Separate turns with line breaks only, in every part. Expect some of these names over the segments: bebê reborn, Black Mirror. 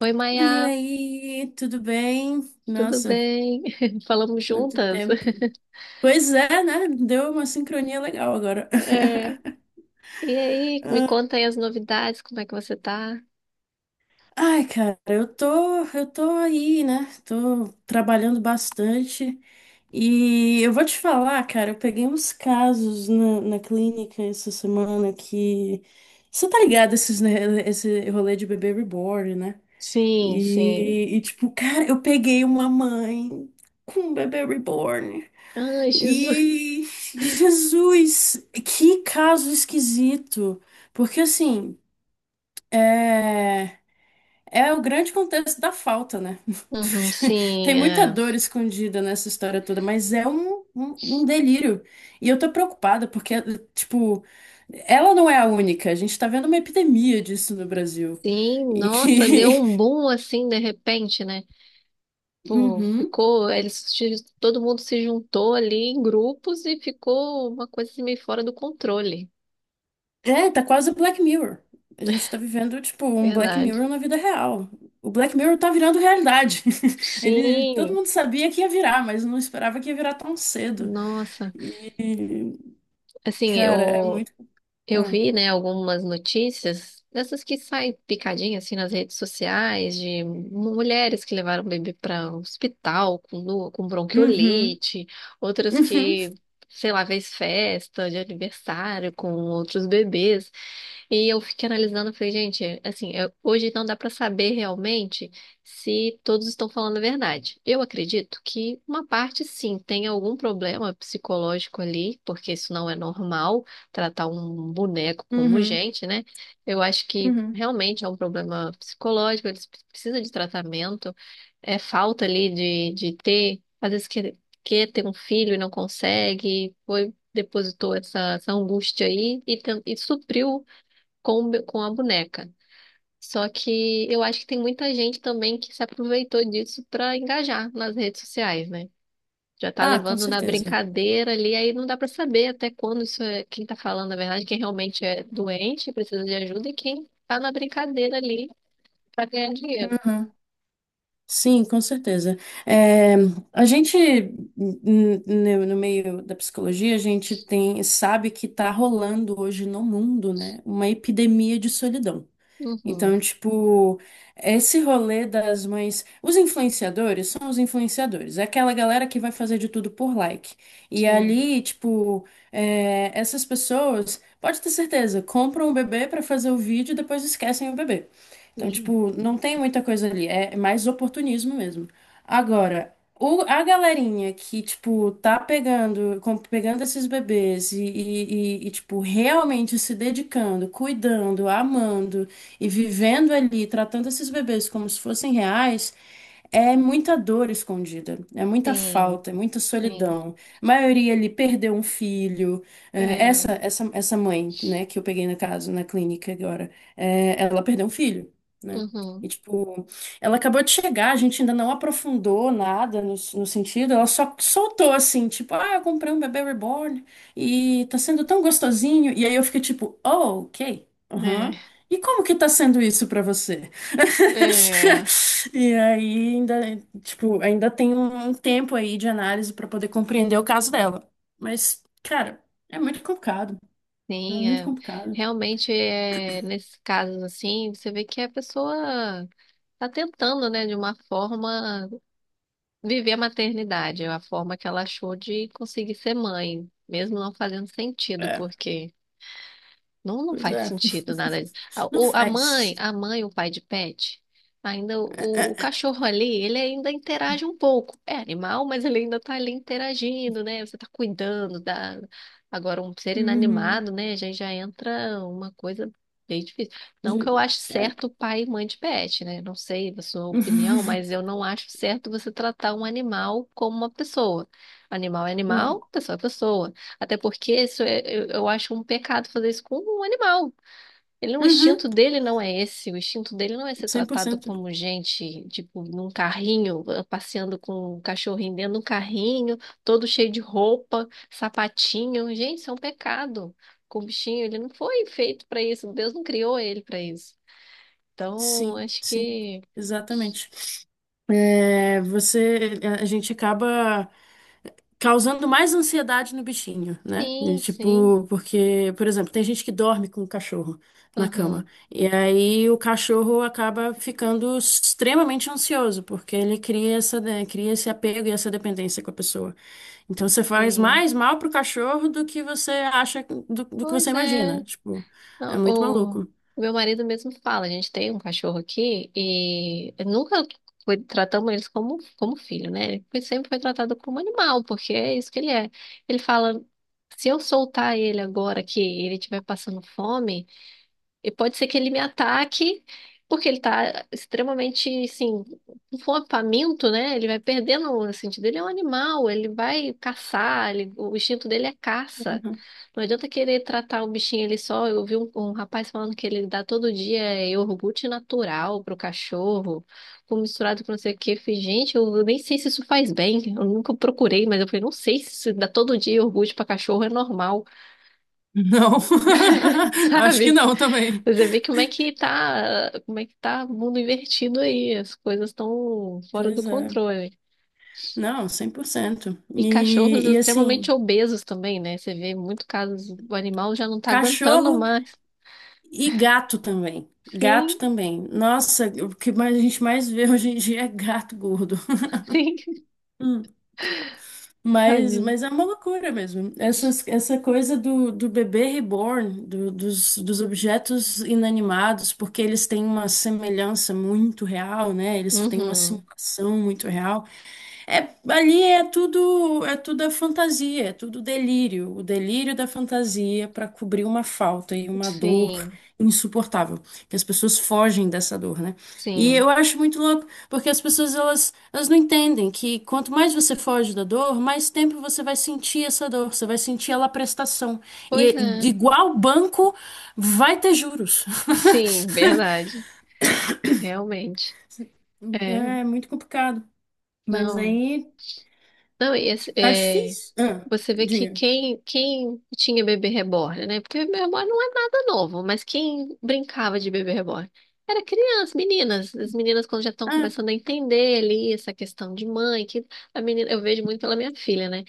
Oi,
E
Maia,
aí, tudo bem?
tudo
Nossa,
bem? Falamos
quanto
juntas?
tempo. Pois é, né? Deu uma sincronia legal agora.
É. E aí, me conta aí as novidades, como é que você tá?
Ai, cara, eu tô aí, né? Tô trabalhando bastante. E eu vou te falar, cara, eu peguei uns casos na clínica essa semana que. Você tá ligado esses, né, esse rolê de bebê reborn, né?
Sim, sim.
Tipo, cara, eu peguei uma mãe com um bebê reborn.
Ai, Jesus.
E Jesus, que caso esquisito. Porque assim, é, é o grande contexto da falta, né?
Uhum,
Tem
sim,
muita
é.
dor escondida nessa história toda, mas é um delírio. E eu tô preocupada porque, tipo, ela não é a única. A gente tá vendo uma epidemia disso no Brasil.
Sim,
E...
nossa, deu um boom assim de repente, né? Pô,
Uhum.
ficou, eles, se- todo mundo se juntou ali em grupos e ficou uma coisa assim, meio fora do controle.
É, tá quase o Black Mirror. A gente tá vivendo, tipo, um Black
Verdade.
Mirror na vida real. O Black Mirror tá virando realidade. Ele, todo
Sim.
mundo sabia que ia virar, mas não esperava que ia virar tão cedo.
Nossa,
E,
assim,
cara, é
eu,
muito.
eu
Ah.
vi, né, algumas notícias dessas que saem picadinha assim nas redes sociais de mulheres que levaram o bebê para o hospital com
Uhum,
bronquiolite, outras
uhum,
que, sei lá, fez festa de aniversário com outros bebês. E eu fiquei analisando, falei, gente, assim, hoje não dá pra saber realmente se todos estão falando a verdade. Eu acredito que uma parte, sim, tem algum problema psicológico ali, porque isso não é normal, tratar um boneco como
uhum,
gente, né? Eu acho que
uhum.
realmente é um problema psicológico, eles precisam de tratamento, é falta ali de ter, quer ter um filho e não consegue, foi, depositou essa angústia aí e supriu com a boneca. Só que eu acho que tem muita gente também que se aproveitou disso para engajar nas redes sociais, né? Já tá
Ah, com
levando na
certeza.
brincadeira ali, aí não dá para saber até quando isso é quem tá falando a verdade, quem realmente é doente, precisa de ajuda, e quem tá na brincadeira ali para ganhar dinheiro.
Uhum. Sim, com certeza. É, a gente, n- n- no meio da psicologia, a gente tem, sabe que tá rolando hoje no mundo, né, uma epidemia de solidão. Então,
Uhum,
tipo, esse rolê das mães. Os influenciadores são os influenciadores, é aquela galera que vai fazer de tudo por like. E
sim,
ali, tipo, é, essas pessoas, pode ter certeza, compram o bebê pra fazer o vídeo e depois esquecem o bebê. Então,
sim,
tipo, não tem muita coisa ali, é mais oportunismo mesmo. Agora, o- a galerinha que, tipo, tá pegando, com- pegando esses bebês e, tipo, realmente se dedicando, cuidando, amando e vivendo ali, tratando esses bebês como se fossem reais, é muita dor escondida, é muita
sim,
falta, é muita
sim.
solidão. A maioria ali perdeu um filho. É,
É,
essa mãe, né, que eu peguei na casa na clínica agora, é, ela perdeu um filho, né?
uhum,
E, tipo, ela acabou de chegar, a gente ainda não aprofundou nada no sentido, ela só soltou assim, tipo, ah, eu comprei um bebê reborn e tá sendo tão gostosinho. E aí eu fiquei tipo, oh, ok,
é,
aham. E como que tá sendo isso pra você?
é.
E aí ainda, tipo, ainda tem um tempo aí de análise para poder compreender o caso dela. Mas, cara, é muito complicado. É
Sim,
muito
é.
complicado.
Realmente, é, nesses casos assim, você vê que a pessoa tá tentando, né, de uma forma, viver a maternidade, é a forma que ela achou de conseguir ser mãe, mesmo não fazendo sentido,
É,
porque não, não
pois
faz
é.
sentido nada. A-
Não
O, a mãe,
faz.
a mãe, o pai de pet, ainda
É, é,
o
é.
cachorro ali, ele ainda interage um pouco. É animal, mas ele ainda tá ali interagindo, né? Você tá cuidando da... Agora, um ser
Uhum.
inanimado, né? Já entra uma coisa bem difícil. Não que
De-
eu ache
é.
certo pai e mãe de pet, né? Não sei da sua opinião, mas eu não acho certo você tratar um animal como uma pessoa. Animal é
É.
animal, pessoa é pessoa. Até porque isso é, eu acho um pecado fazer isso com um animal. Ele, não- o
Uhum.
instinto dele não é esse. O instinto dele não é ser tratado
100%.
como gente, tipo, num carrinho, ah, passeando com um cachorrinho dentro de um carrinho, todo cheio de roupa, sapatinho. Gente, isso é um pecado. Com o bichinho, ele não foi feito para isso. Deus não criou ele para isso. Então,
Sim,
acho
sim.
que
Exatamente. É, você, a gente acaba causando mais ansiedade no bichinho, né? E,
sim, sim.
tipo, porque, por exemplo, tem gente que dorme com o cachorro na cama.
Aham,
E aí o cachorro acaba ficando extremamente ansioso, porque ele cria essa, né, cria esse apego e essa dependência com a pessoa. Então você faz
sim.
mais mal pro cachorro do que você acha, do que você
Pois é.
imagina. Tipo, é
Não,
muito
O
maluco.
o meu marido mesmo fala, a gente tem um cachorro aqui e nunca foi, tratamos eles como filho, né? Sempre foi tratado como animal, porque é isso que ele é. Ele fala, se eu soltar ele agora que ele estiver passando fome, e pode ser que ele me ataque, porque ele tá extremamente, assim, com fome, faminto, né? Ele vai perdendo assim, o sentido. Ele é um animal, ele vai caçar, o instinto dele é caça.
Uhum.
Não adianta querer tratar o bichinho ali só. Eu vi um rapaz falando que ele dá todo dia iogurte natural pro cachorro, com misturado com não sei o quê. Eu falei, gente, eu nem sei se isso faz bem. Eu nunca procurei, mas eu falei, não sei se isso dá todo dia iogurte pra cachorro é normal,
Não, acho que
sabe?
não também.
Você vê como é que tá o mundo invertido aí, as coisas estão fora do
Pois é.
controle.
Não, 100%.
E cachorros
E
extremamente
assim,
obesos também, né? Você vê muito casos, o animal já não tá aguentando
cachorro.
mais.
E gato também. Gato
Sim,
também. Nossa, o que mais a gente mais vê hoje em dia é gato gordo.
sim,
Hum, Mas,
tadinho.
mas é uma loucura mesmo. Essas, essa coisa do, do bebê reborn, do- dos, dos objetos inanimados, porque eles têm uma semelhança muito real, né? Eles têm uma
Uhum.
simulação muito real. É, ali é tudo a fantasia, é tudo delírio, o delírio da fantasia para cobrir uma falta e uma dor
Sim,
insuportável, que as pessoas fogem dessa dor, né? E
sim.
eu acho muito louco, porque as pessoas elas, elas não entendem que quanto mais você foge da dor, mais tempo você vai sentir essa dor, você vai sentir ela prestação. E
Pois
é-
é.
igual banco vai ter juros.
Sim, verdade. Realmente. É,
É muito complicado, mas
não.
aí
Não, e esse,
tá
é,
difícil. Ah,
você vê que
diga.
quem tinha bebê reborn, né? Porque bebê reborn não é nada novo, mas quem brincava de bebê reborn era criança, meninas. As meninas, quando já estão começando a entender ali essa questão de mãe, que a menina, eu vejo muito pela minha filha, né?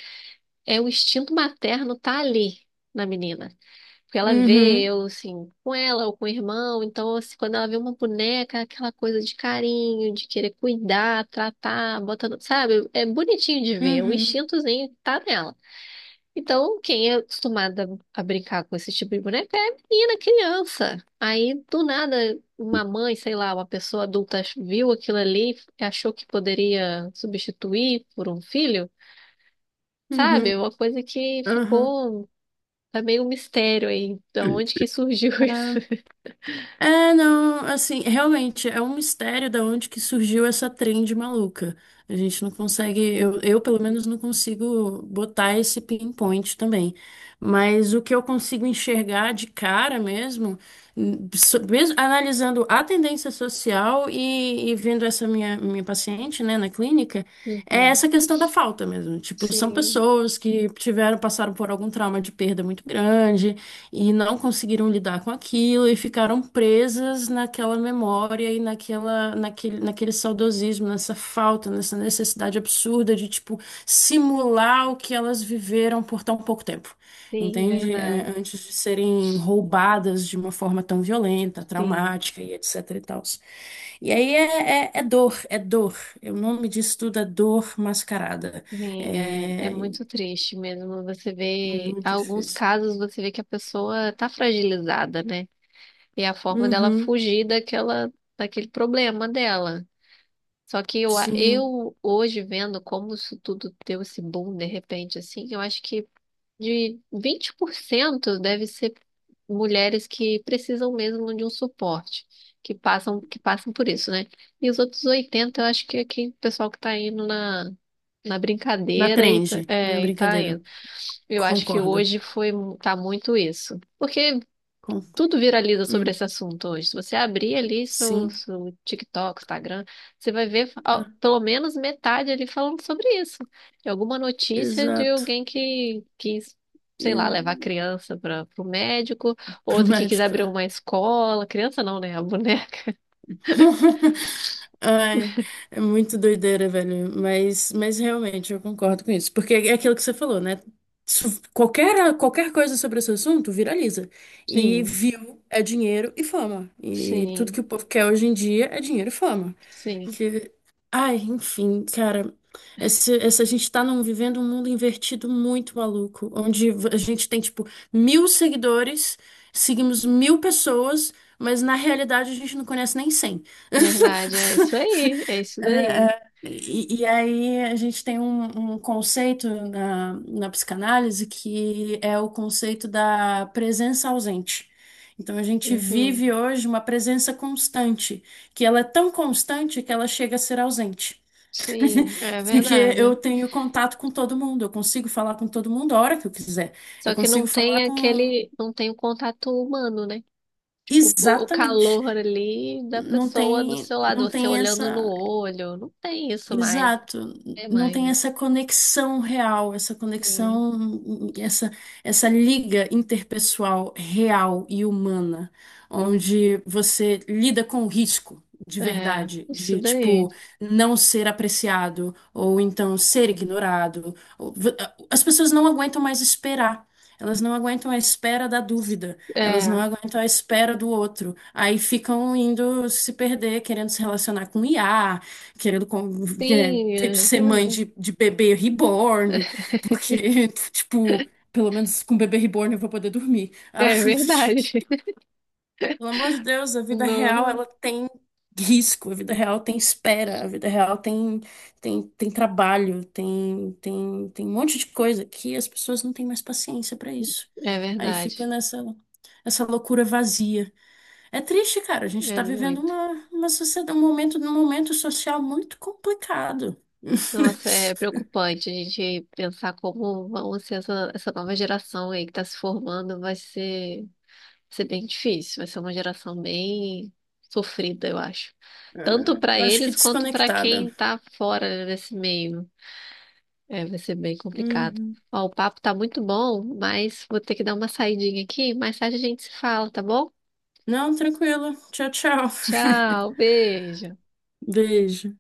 É o instinto materno tá ali na menina. Porque ela vê
Uhum,
eu, assim, com ela ou com o irmão, então, assim, quando ela vê uma boneca, aquela coisa de carinho, de querer cuidar, tratar, botando, sabe? É bonitinho de ver, o
uhum,
instintozinho tá nela. Então, quem é acostumada a brincar com esse tipo de boneca é menina, criança. Aí, do nada, uma mãe, sei lá, uma pessoa adulta viu aquilo ali e achou que poderia substituir por um filho,
uhum,
sabe? Uma coisa que
uhum.
ficou tá meio um mistério aí, da onde que surgiu isso.
Ah, é, não, assim, realmente é um mistério da onde que surgiu essa trend maluca. A gente não consegue, eu pelo menos não consigo botar esse pinpoint também. Mas o que eu consigo enxergar de cara mesmo, n- so- mesmo analisando a tendência social e vendo essa minha, minha paciente, né, na clínica. É
Uhum.
essa questão da falta mesmo. Tipo, são
Sim,
pessoas que tiveram, passaram por algum trauma de perda muito grande e não conseguiram lidar com aquilo e ficaram presas naquela memória e naquela, naquele, naquele saudosismo, nessa falta, nessa necessidade absurda de, tipo, simular o que elas viveram por tão pouco tempo,
sim,
entende?
verdade.
É, antes de serem roubadas de uma forma tão violenta,
Sim,
traumática e etc e tal. E aí é, é- é dor, é dor. É o nome disso tudo é dor mascarada.
sim, é
É
muito triste mesmo. Você vê,
muito
alguns
difícil.
casos você vê que a pessoa tá fragilizada, né? E a forma dela
Uhum,
fugir daquela, daquele problema dela. Só que eu, a-
sim.
eu hoje vendo como isso tudo deu esse boom de repente, assim, eu acho que de 20% deve ser mulheres que precisam mesmo de um suporte, que passam por isso, né? E os outros 80, eu acho que é quem, o pessoal que tá indo na
Da
brincadeira e,
trend, não é
e tá
brincadeira.
indo. Eu acho que
Concordo.
hoje tá muito isso. Porque
Con-
tudo viraliza sobre
hum,
esse assunto hoje. Se você abrir ali
sim,
seu TikTok, Instagram, você vai ver ó,
ah,
pelo menos metade ali falando sobre isso. De alguma notícia de
exato.
alguém que quis, sei lá, levar a
E,
criança para o médico,
pro
outra que quis
médico.
abrir
É.
uma escola. Criança não, né? A boneca.
Ai, é muito doideira, velho. Mas realmente eu concordo com isso. Porque é aquilo que você falou, né? Su- qualquer, qualquer coisa sobre esse assunto viraliza. E
Sim,
view é dinheiro e fama. E tudo que
sim,
o povo quer hoje em dia é dinheiro e fama.
sim.
Que, ai, enfim, cara. Esse, a gente tá num, vivendo um mundo invertido muito maluco, onde a gente tem, tipo, mil seguidores, seguimos mil pessoas, mas na realidade a gente não conhece nem 100.
Verdade, é isso aí, é isso daí.
E aí a gente tem um, um conceito na, na psicanálise que é o conceito da presença ausente. Então a gente vive
Uhum.
hoje uma presença constante, que ela é tão constante que ela chega a ser ausente.
Sim, é
Porque eu
verdade.
tenho contato com todo mundo, eu consigo falar com todo mundo a hora que eu quiser. Eu
Só que
consigo
não
falar
tem
com
aquele, não tem o contato humano, né? O
exatamente.
calor ali da
Não
pessoa do
tem,
seu lado,
não
você
tem
olhando no
essa.
olho, não tem isso mais, não
Exato,
tem
não tem
mais.
essa conexão real, essa
Sim.
conexão, essa liga interpessoal real e humana, onde você lida com o risco de
É,
verdade,
isso
de
daí.
tipo não ser apreciado ou então ser ignorado. Ou- v- as pessoas não aguentam mais esperar. Elas não aguentam a espera da dúvida, elas não
É,
aguentam a espera do outro. Aí ficam indo se perder, querendo se relacionar com IA, querendo com- é,
sim,
ter-
é
ser mãe
verdade.
de bebê reborn, porque, tipo, pelo menos com bebê reborn eu vou poder dormir. Ah,
É verdade.
pelo amor de Deus, a vida real,
No-
ela tem risco, a vida real tem espera, a vida real tem, tem, tem trabalho, tem, tem, tem um monte de coisa que as pessoas não têm mais paciência pra isso.
é
Aí
verdade.
fica nessa, essa loucura vazia. É triste, cara. A gente
É
está vivendo
muito.
uma sociedade, um momento social muito complicado.
Nossa, é preocupante a gente pensar como vão ser essa nova geração aí que está se formando, vai ser. Vai ser bem difícil, vai ser uma geração bem sofrida, eu acho.
É,
Tanto para
eu acho que
eles quanto para
desconectada.
quem tá fora desse meio. É, vai ser bem complicado.
Uhum.
Ó, o papo tá muito bom, mas vou ter que dar uma saidinha aqui. Mais tarde a gente se fala, tá bom?
Não, tranquilo. Tchau, tchau.
Tchau, beijo.
Beijo.